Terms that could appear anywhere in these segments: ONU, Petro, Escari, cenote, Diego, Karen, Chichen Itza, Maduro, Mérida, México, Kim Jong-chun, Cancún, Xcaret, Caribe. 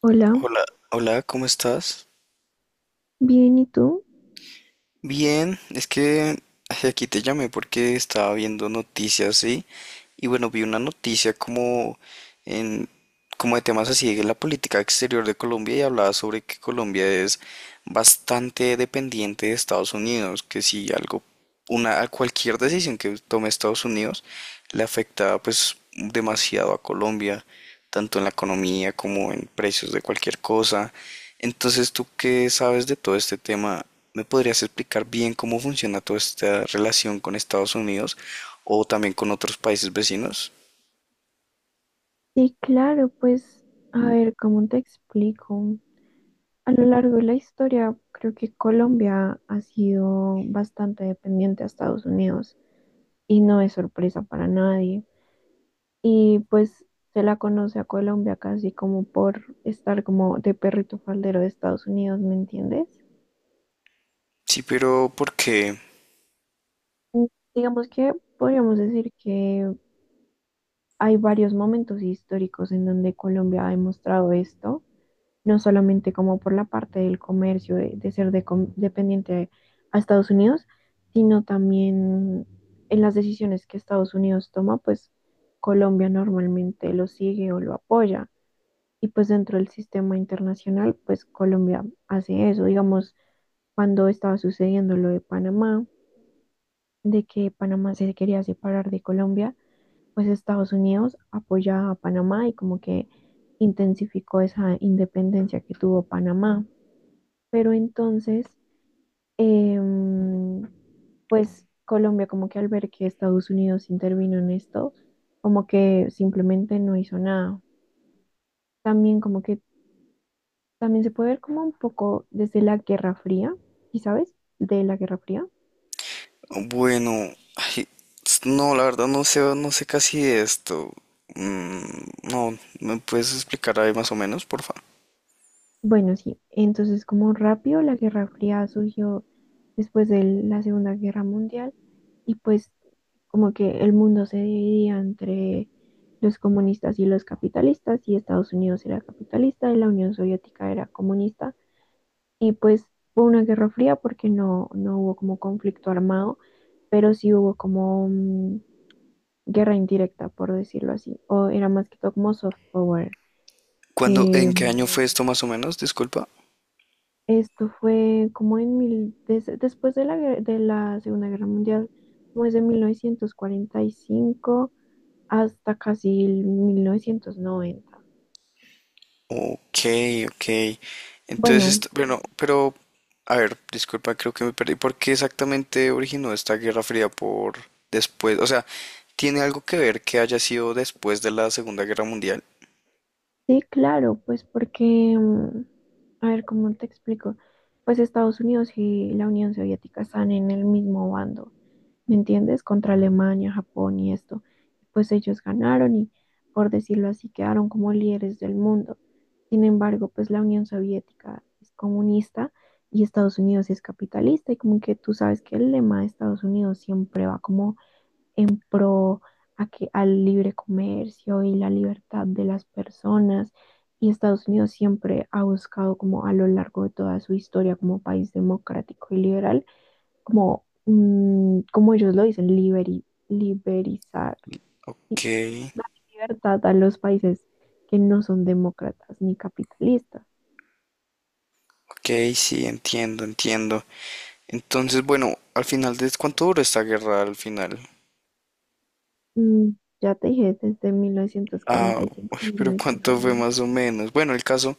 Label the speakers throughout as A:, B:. A: Hola,
B: Hola, hola, ¿cómo estás?
A: bien, ¿y tú?
B: Bien, es que ay, aquí te llamé porque estaba viendo noticias, ¿sí? Y bueno, vi una noticia como en como de temas así de la política exterior de Colombia y hablaba sobre que Colombia es bastante dependiente de Estados Unidos, que si algo una cualquier decisión que tome Estados Unidos le afecta pues demasiado a Colombia, tanto en la economía como en precios de cualquier cosa. Entonces, tú que sabes de todo este tema, ¿me podrías explicar bien cómo funciona toda esta relación con Estados Unidos o también con otros países vecinos?
A: Sí, claro, pues a ver, ¿cómo te explico? A lo largo de la historia, creo que Colombia ha sido bastante dependiente a Estados Unidos y no es sorpresa para nadie. Y pues se la conoce a Colombia casi como por estar como de perrito faldero de Estados Unidos, ¿me entiendes?
B: Sí, pero ¿por qué?
A: Mm, Digamos que podríamos decir que hay varios momentos históricos en donde Colombia ha demostrado esto. No solamente como por la parte del comercio, de ser dependiente a Estados Unidos, sino también en las decisiones que Estados Unidos toma, pues Colombia normalmente lo sigue o lo apoya. Y pues dentro del sistema internacional, pues Colombia hace eso. Digamos, cuando estaba sucediendo lo de Panamá, de que Panamá se quería separar de Colombia, pues Estados Unidos apoya a Panamá y como que intensificó esa independencia que tuvo Panamá. Pero entonces, em, pues Colombia como que al ver que Estados Unidos intervino en esto, como que simplemente no hizo nada. También como que también se puede ver como un poco desde la Guerra Fría, ¿y sabes? De la Guerra Fría.
B: Bueno, ay, no, la verdad no sé, no sé casi de esto. Mm, no, ¿me puedes explicar ahí más o menos, por favor?
A: Bueno, sí, entonces como rápido la Guerra Fría surgió después de la Segunda Guerra Mundial y pues como que el mundo se dividía entre los comunistas y los capitalistas y Estados Unidos era capitalista y la Unión Soviética era comunista, y pues fue una Guerra Fría porque no hubo como conflicto armado, pero sí hubo como guerra indirecta, por decirlo así, o era más que todo como soft power.
B: ¿Cuándo,
A: eh,
B: en qué año fue esto más o menos? Disculpa.
A: Esto fue como en después de la Segunda Guerra Mundial, como desde 1945 hasta casi el 1990.
B: Ok, ok. Entonces,
A: Bueno,
B: esto- bueno, pero, a ver, disculpa, creo que me perdí. ¿Por qué exactamente originó esta Guerra Fría por después? O sea, ¿tiene algo que ver que haya sido después de la Segunda Guerra Mundial?
A: sí, claro, pues porque, mm, a ver, ¿cómo te explico? Pues Estados Unidos y la Unión Soviética están en el mismo bando. ¿Me entiendes? Contra Alemania, Japón y esto. Pues ellos ganaron y, por decirlo así, quedaron como líderes del mundo. Sin embargo, pues la Unión Soviética es comunista y Estados Unidos es capitalista, y como que tú sabes que el lema de Estados Unidos siempre va como en pro a que, al libre comercio y la libertad de las personas. Y Estados Unidos siempre ha buscado como a lo largo de toda su historia como país democrático y liberal como, como ellos lo dicen, liberizar,
B: Ok,
A: y dar libertad a los países que no son demócratas ni capitalistas.
B: ok, sí, entiendo, entiendo. Entonces, bueno, al final de, ¿cuánto duró esta guerra al final?
A: Mm, ya te dije, desde mil novecientos cuarenta
B: Ah,
A: y
B: uy,
A: cinco mil
B: pero
A: novecientos
B: ¿cuánto fue
A: 1990.
B: más o menos? Bueno, el caso.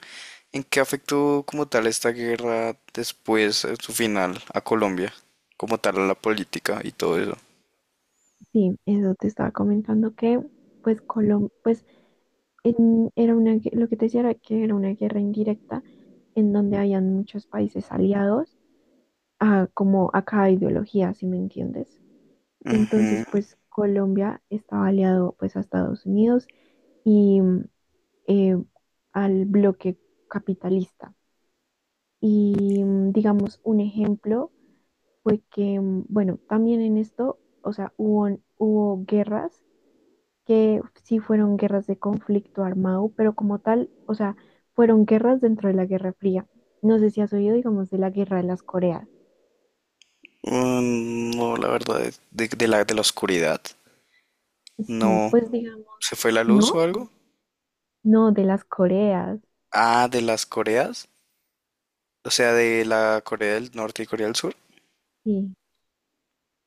B: ¿En qué afectó como tal esta guerra después, en su final, a Colombia? Como tal, a la política y todo eso.
A: Sí, eso te estaba comentando que, pues, Colom pues en- era una, gue- lo que te decía era que era una guerra indirecta en donde habían muchos países aliados como a cada ideología, si me entiendes. Entonces,
B: Ujú.
A: pues Colombia estaba aliado pues a Estados Unidos y eh, al bloque capitalista. Y digamos, un ejemplo fue que, bueno, también en esto, o sea, hubo guerras que sí fueron guerras de conflicto armado, pero como tal, o sea, fueron guerras dentro de la Guerra Fría. No sé si has oído, digamos, de la Guerra de las Coreas.
B: Mm, no, la verdad, de la oscuridad.
A: Sí,
B: No.
A: pues
B: ¿Se
A: digamos,
B: fue la luz o
A: ¿no?
B: algo?
A: No, de las Coreas,
B: Ah, de las Coreas. O sea, de la Corea del Norte y Corea del Sur.
A: sí.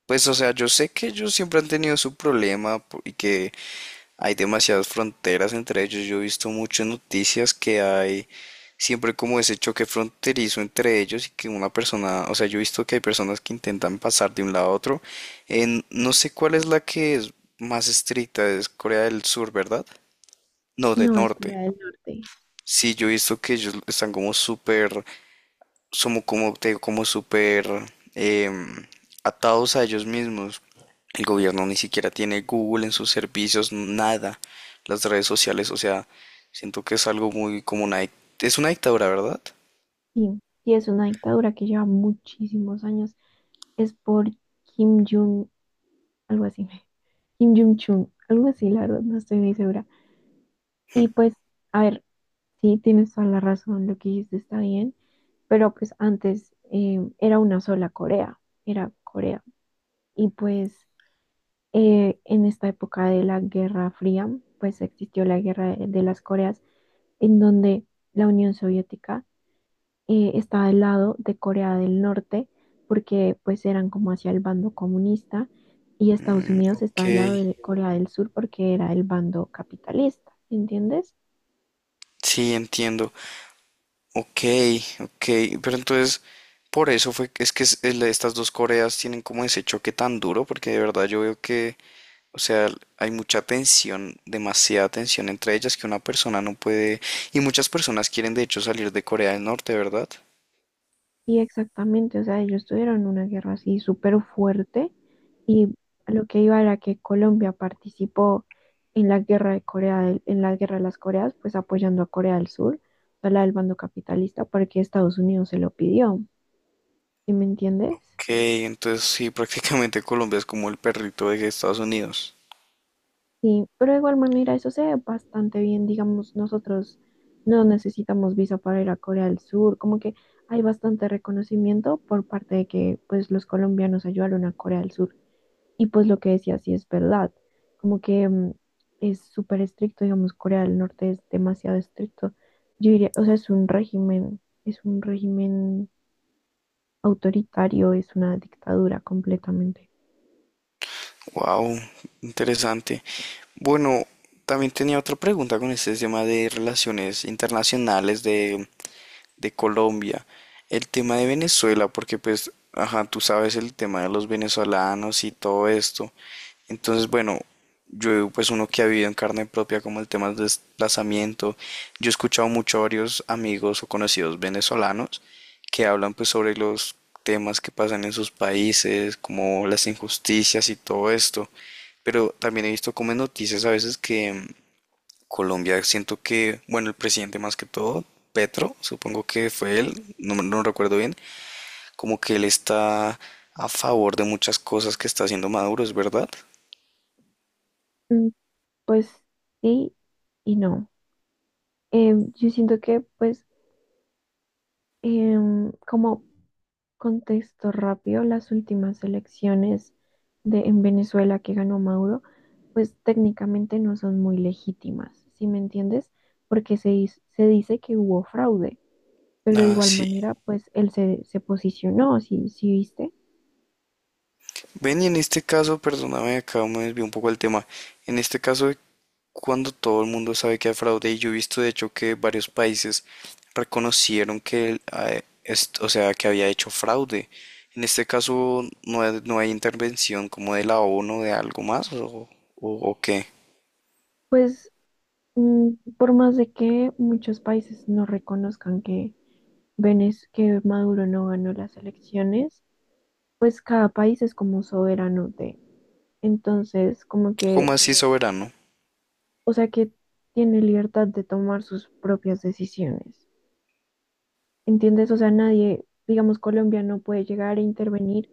B: Pues, o sea, yo sé que ellos siempre han tenido su problema po- y que hay demasiadas fronteras entre ellos. Yo he visto muchas noticias que hay siempre como ese choque fronterizo entre ellos y que una persona, o sea, yo he visto que hay personas que intentan pasar de un lado a otro. En, no sé cuál es la que es más estricta, ¿es Corea del Sur, ¿verdad? No, del
A: No, es
B: norte.
A: Corea del Norte.
B: Sí, yo he visto que ellos están como súper somos como, te digo, como súper em, atados a ellos mismos. El gobierno ni siquiera tiene Google en sus servicios, nada. Las redes sociales, o sea, siento que es algo muy como una... dic- Es una dictadura, ¿verdad?
A: Sí, y es una dictadura que lleva muchísimos años. Es por Kim Jong, algo así. Kim Jong-chun, algo así, la verdad, no estoy muy segura. Y pues, a ver, sí, tienes toda la razón, lo que dijiste está bien, pero pues antes era una sola Corea, era Corea. Y pues en esta época de la Guerra Fría, pues existió la Guerra de las Coreas, en donde la Unión Soviética estaba al lado de Corea del Norte, porque pues eran como hacia el bando comunista, y Estados
B: Mm,
A: Unidos
B: ok,
A: estaba al lado de Corea del Sur porque era el bando capitalista, ¿sí? ¿Entiendes?
B: sí, entiendo. Ok, ok, pero entonces, por eso fue, que es- el- estas dos Coreas tienen como ese choque tan duro, porque de verdad yo veo que o sea, hay mucha tensión, demasiada tensión entre ellas que una persona no puede... Y muchas personas quieren de hecho salir de Corea del Norte, ¿verdad?
A: Y exactamente, o sea, ellos tuvieron una guerra así súper fuerte, y a lo que iba era que Colombia participó en la guerra de Corea, en la guerra de las Coreas, pues apoyando a Corea del Sur, o la del bando capitalista, porque Estados Unidos se lo pidió, ¿sí me entiendes?
B: Ok, entonces sí, prácticamente Colombia es como el perrito de Estados Unidos.
A: Sí, pero de igual manera eso se ve bastante bien, digamos, nosotros no necesitamos visa para ir a Corea del Sur, como que hay bastante reconocimiento por parte de que pues los colombianos ayudaron a Corea del Sur, y pues lo que decía sí es verdad, como que es súper estricto. Digamos, Corea del Norte es demasiado estricto. Yo diría, o sea, es un régimen autoritario, es una dictadura completamente.
B: Wow, interesante. Bueno, también tenía otra pregunta con este tema de relaciones internacionales, de Colombia. El tema de Venezuela, porque pues, ajá, tú sabes el tema de los venezolanos y todo esto. Entonces, bueno, yo pues uno que ha vivido en carne propia como el tema del desplazamiento, yo he escuchado mucho a varios amigos o conocidos venezolanos que hablan pues sobre los temas que pasan en sus países, como las injusticias y todo esto. Pero también he visto como en noticias a veces que Colombia siento que, bueno, el presidente más que todo, Petro, supongo que fue él, no, me- no recuerdo bien, como que él está a favor de muchas cosas que está haciendo Maduro, ¿es verdad?
A: Mm, Pues sí y no. Yo siento que pues como contexto rápido, las últimas elecciones en Venezuela que ganó Maduro, pues técnicamente no son muy legítimas, ¿sí me entiendes? Porque se dice que hubo fraude, pero de
B: Ah,
A: igual
B: sí.
A: manera, pues él se posicionó, si viste,
B: Ven, y en este caso, perdóname, acá me desvió un poco el tema. En este caso, cuando todo el mundo sabe que hay fraude y yo he visto de hecho que varios países reconocieron que, el- ah, est- o sea, que había hecho fraude. En este caso no hay, no hay intervención como de la ONU de algo más o qué.
A: pues por más de que muchos países no reconozcan que, que Maduro no ganó las elecciones, pues cada país es como soberano de. Entonces, como
B: ¿Cómo
A: que,
B: así? No, ¿soberano?
A: o sea, que tiene libertad de tomar sus propias decisiones. ¿Entiendes? O sea, nadie, digamos, Colombia no puede llegar a intervenir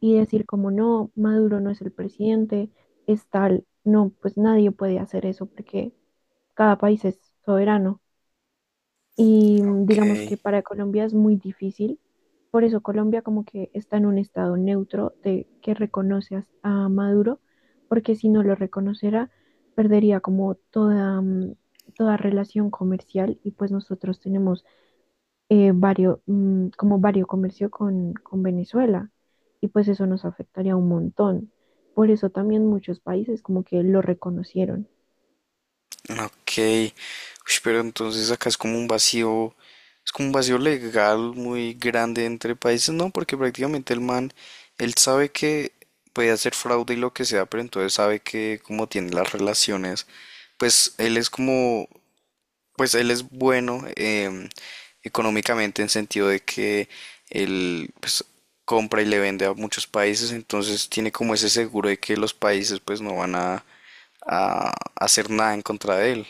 A: y decir como no, Maduro no es el presidente, es tal. No, pues nadie puede hacer eso porque cada país es soberano. Y
B: Ok.
A: digamos que para Colombia es muy difícil, por eso Colombia como que está en un estado neutro de que reconoce a Maduro, porque si no lo reconociera, perdería como toda, toda relación comercial, y pues nosotros tenemos vario, como vario comercio con Venezuela, y pues eso nos afectaría un montón. Por eso también muchos países como que lo reconocieron.
B: Ok, ush, pero entonces acá es como un vacío, es como un vacío legal muy grande entre países, ¿no? Porque prácticamente el man, él sabe que puede hacer fraude y lo que sea, pero entonces sabe que como tiene las relaciones, pues él es como, pues él es bueno económicamente en sentido de que él pues compra y le vende a muchos países, entonces tiene como ese seguro de que los países pues no van a hacer nada en contra de él.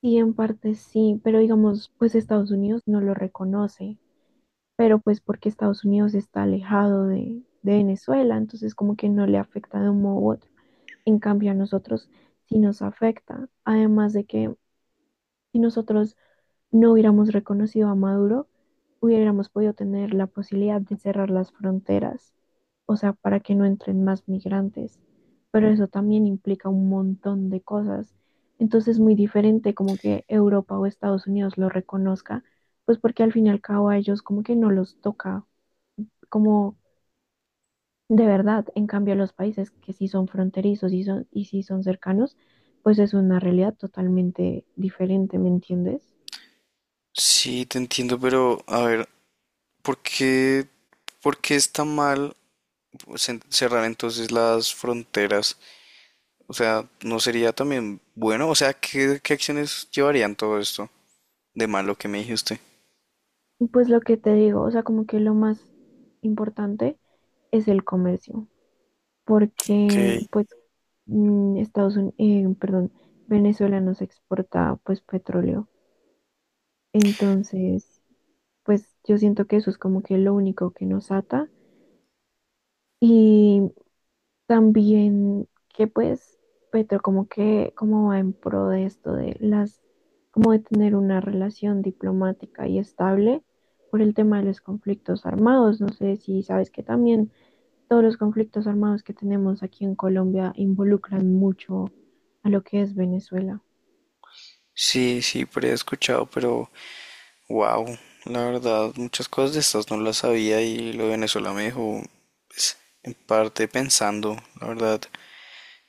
A: Sí, en parte sí, pero digamos, pues Estados Unidos no lo reconoce. Pero pues porque Estados Unidos está alejado de Venezuela, entonces como que no le afecta de un modo u otro. En cambio a nosotros sí nos afecta, además de que si nosotros no hubiéramos reconocido a Maduro, hubiéramos podido tener la posibilidad de cerrar las fronteras, o sea, para que no entren más migrantes, pero eso también implica un montón de cosas. Entonces es muy diferente como que Europa o Estados Unidos lo reconozca, pues porque al fin y al cabo a ellos como que no los toca como de verdad. En cambio, los países que sí son fronterizos y, y sí son cercanos, pues es una realidad totalmente diferente, ¿me entiendes?
B: Sí, te entiendo, pero a ver, ¿por qué, por qué está mal pues, cerrar entonces las fronteras? O sea, ¿no sería también bueno? O sea, ¿qué, qué acciones llevarían todo esto de malo que me dijiste? ¿Usted?
A: Y pues lo que te digo, o sea, como que lo más importante es el comercio,
B: Ok.
A: porque pues Estados Unidos, perdón, Venezuela nos exporta pues petróleo. Entonces, pues yo siento que eso es como que lo único que nos ata. Y también que pues Petro como que como va en pro de esto de las, como de tener una relación diplomática y estable por el tema de los conflictos armados. No sé si sabes que también todos los conflictos armados que tenemos aquí en Colombia involucran mucho a lo que es Venezuela.
B: Sí, sí, pero he escuchado, pero wow, la verdad, muchas cosas de estas no las sabía y lo de Venezuela me dejó, pues, en parte pensando, la verdad.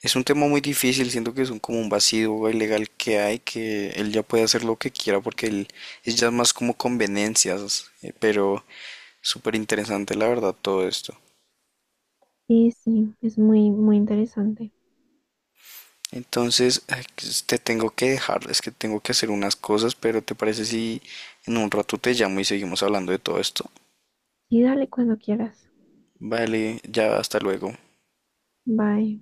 B: Es un tema muy difícil, siento que es un, como un vacío ilegal que hay, que él ya puede hacer lo que quiera porque él es ya más como conveniencias, pero súper interesante la verdad todo esto.
A: Sí, sí, es muy, muy interesante.
B: Entonces, ay, pues, te tengo que dejar, es que tengo que hacer unas cosas, pero ¿te parece si en un rato te llamo y seguimos hablando de todo esto?
A: Y dale, cuando quieras.
B: Vale, ya hasta luego.
A: Bye.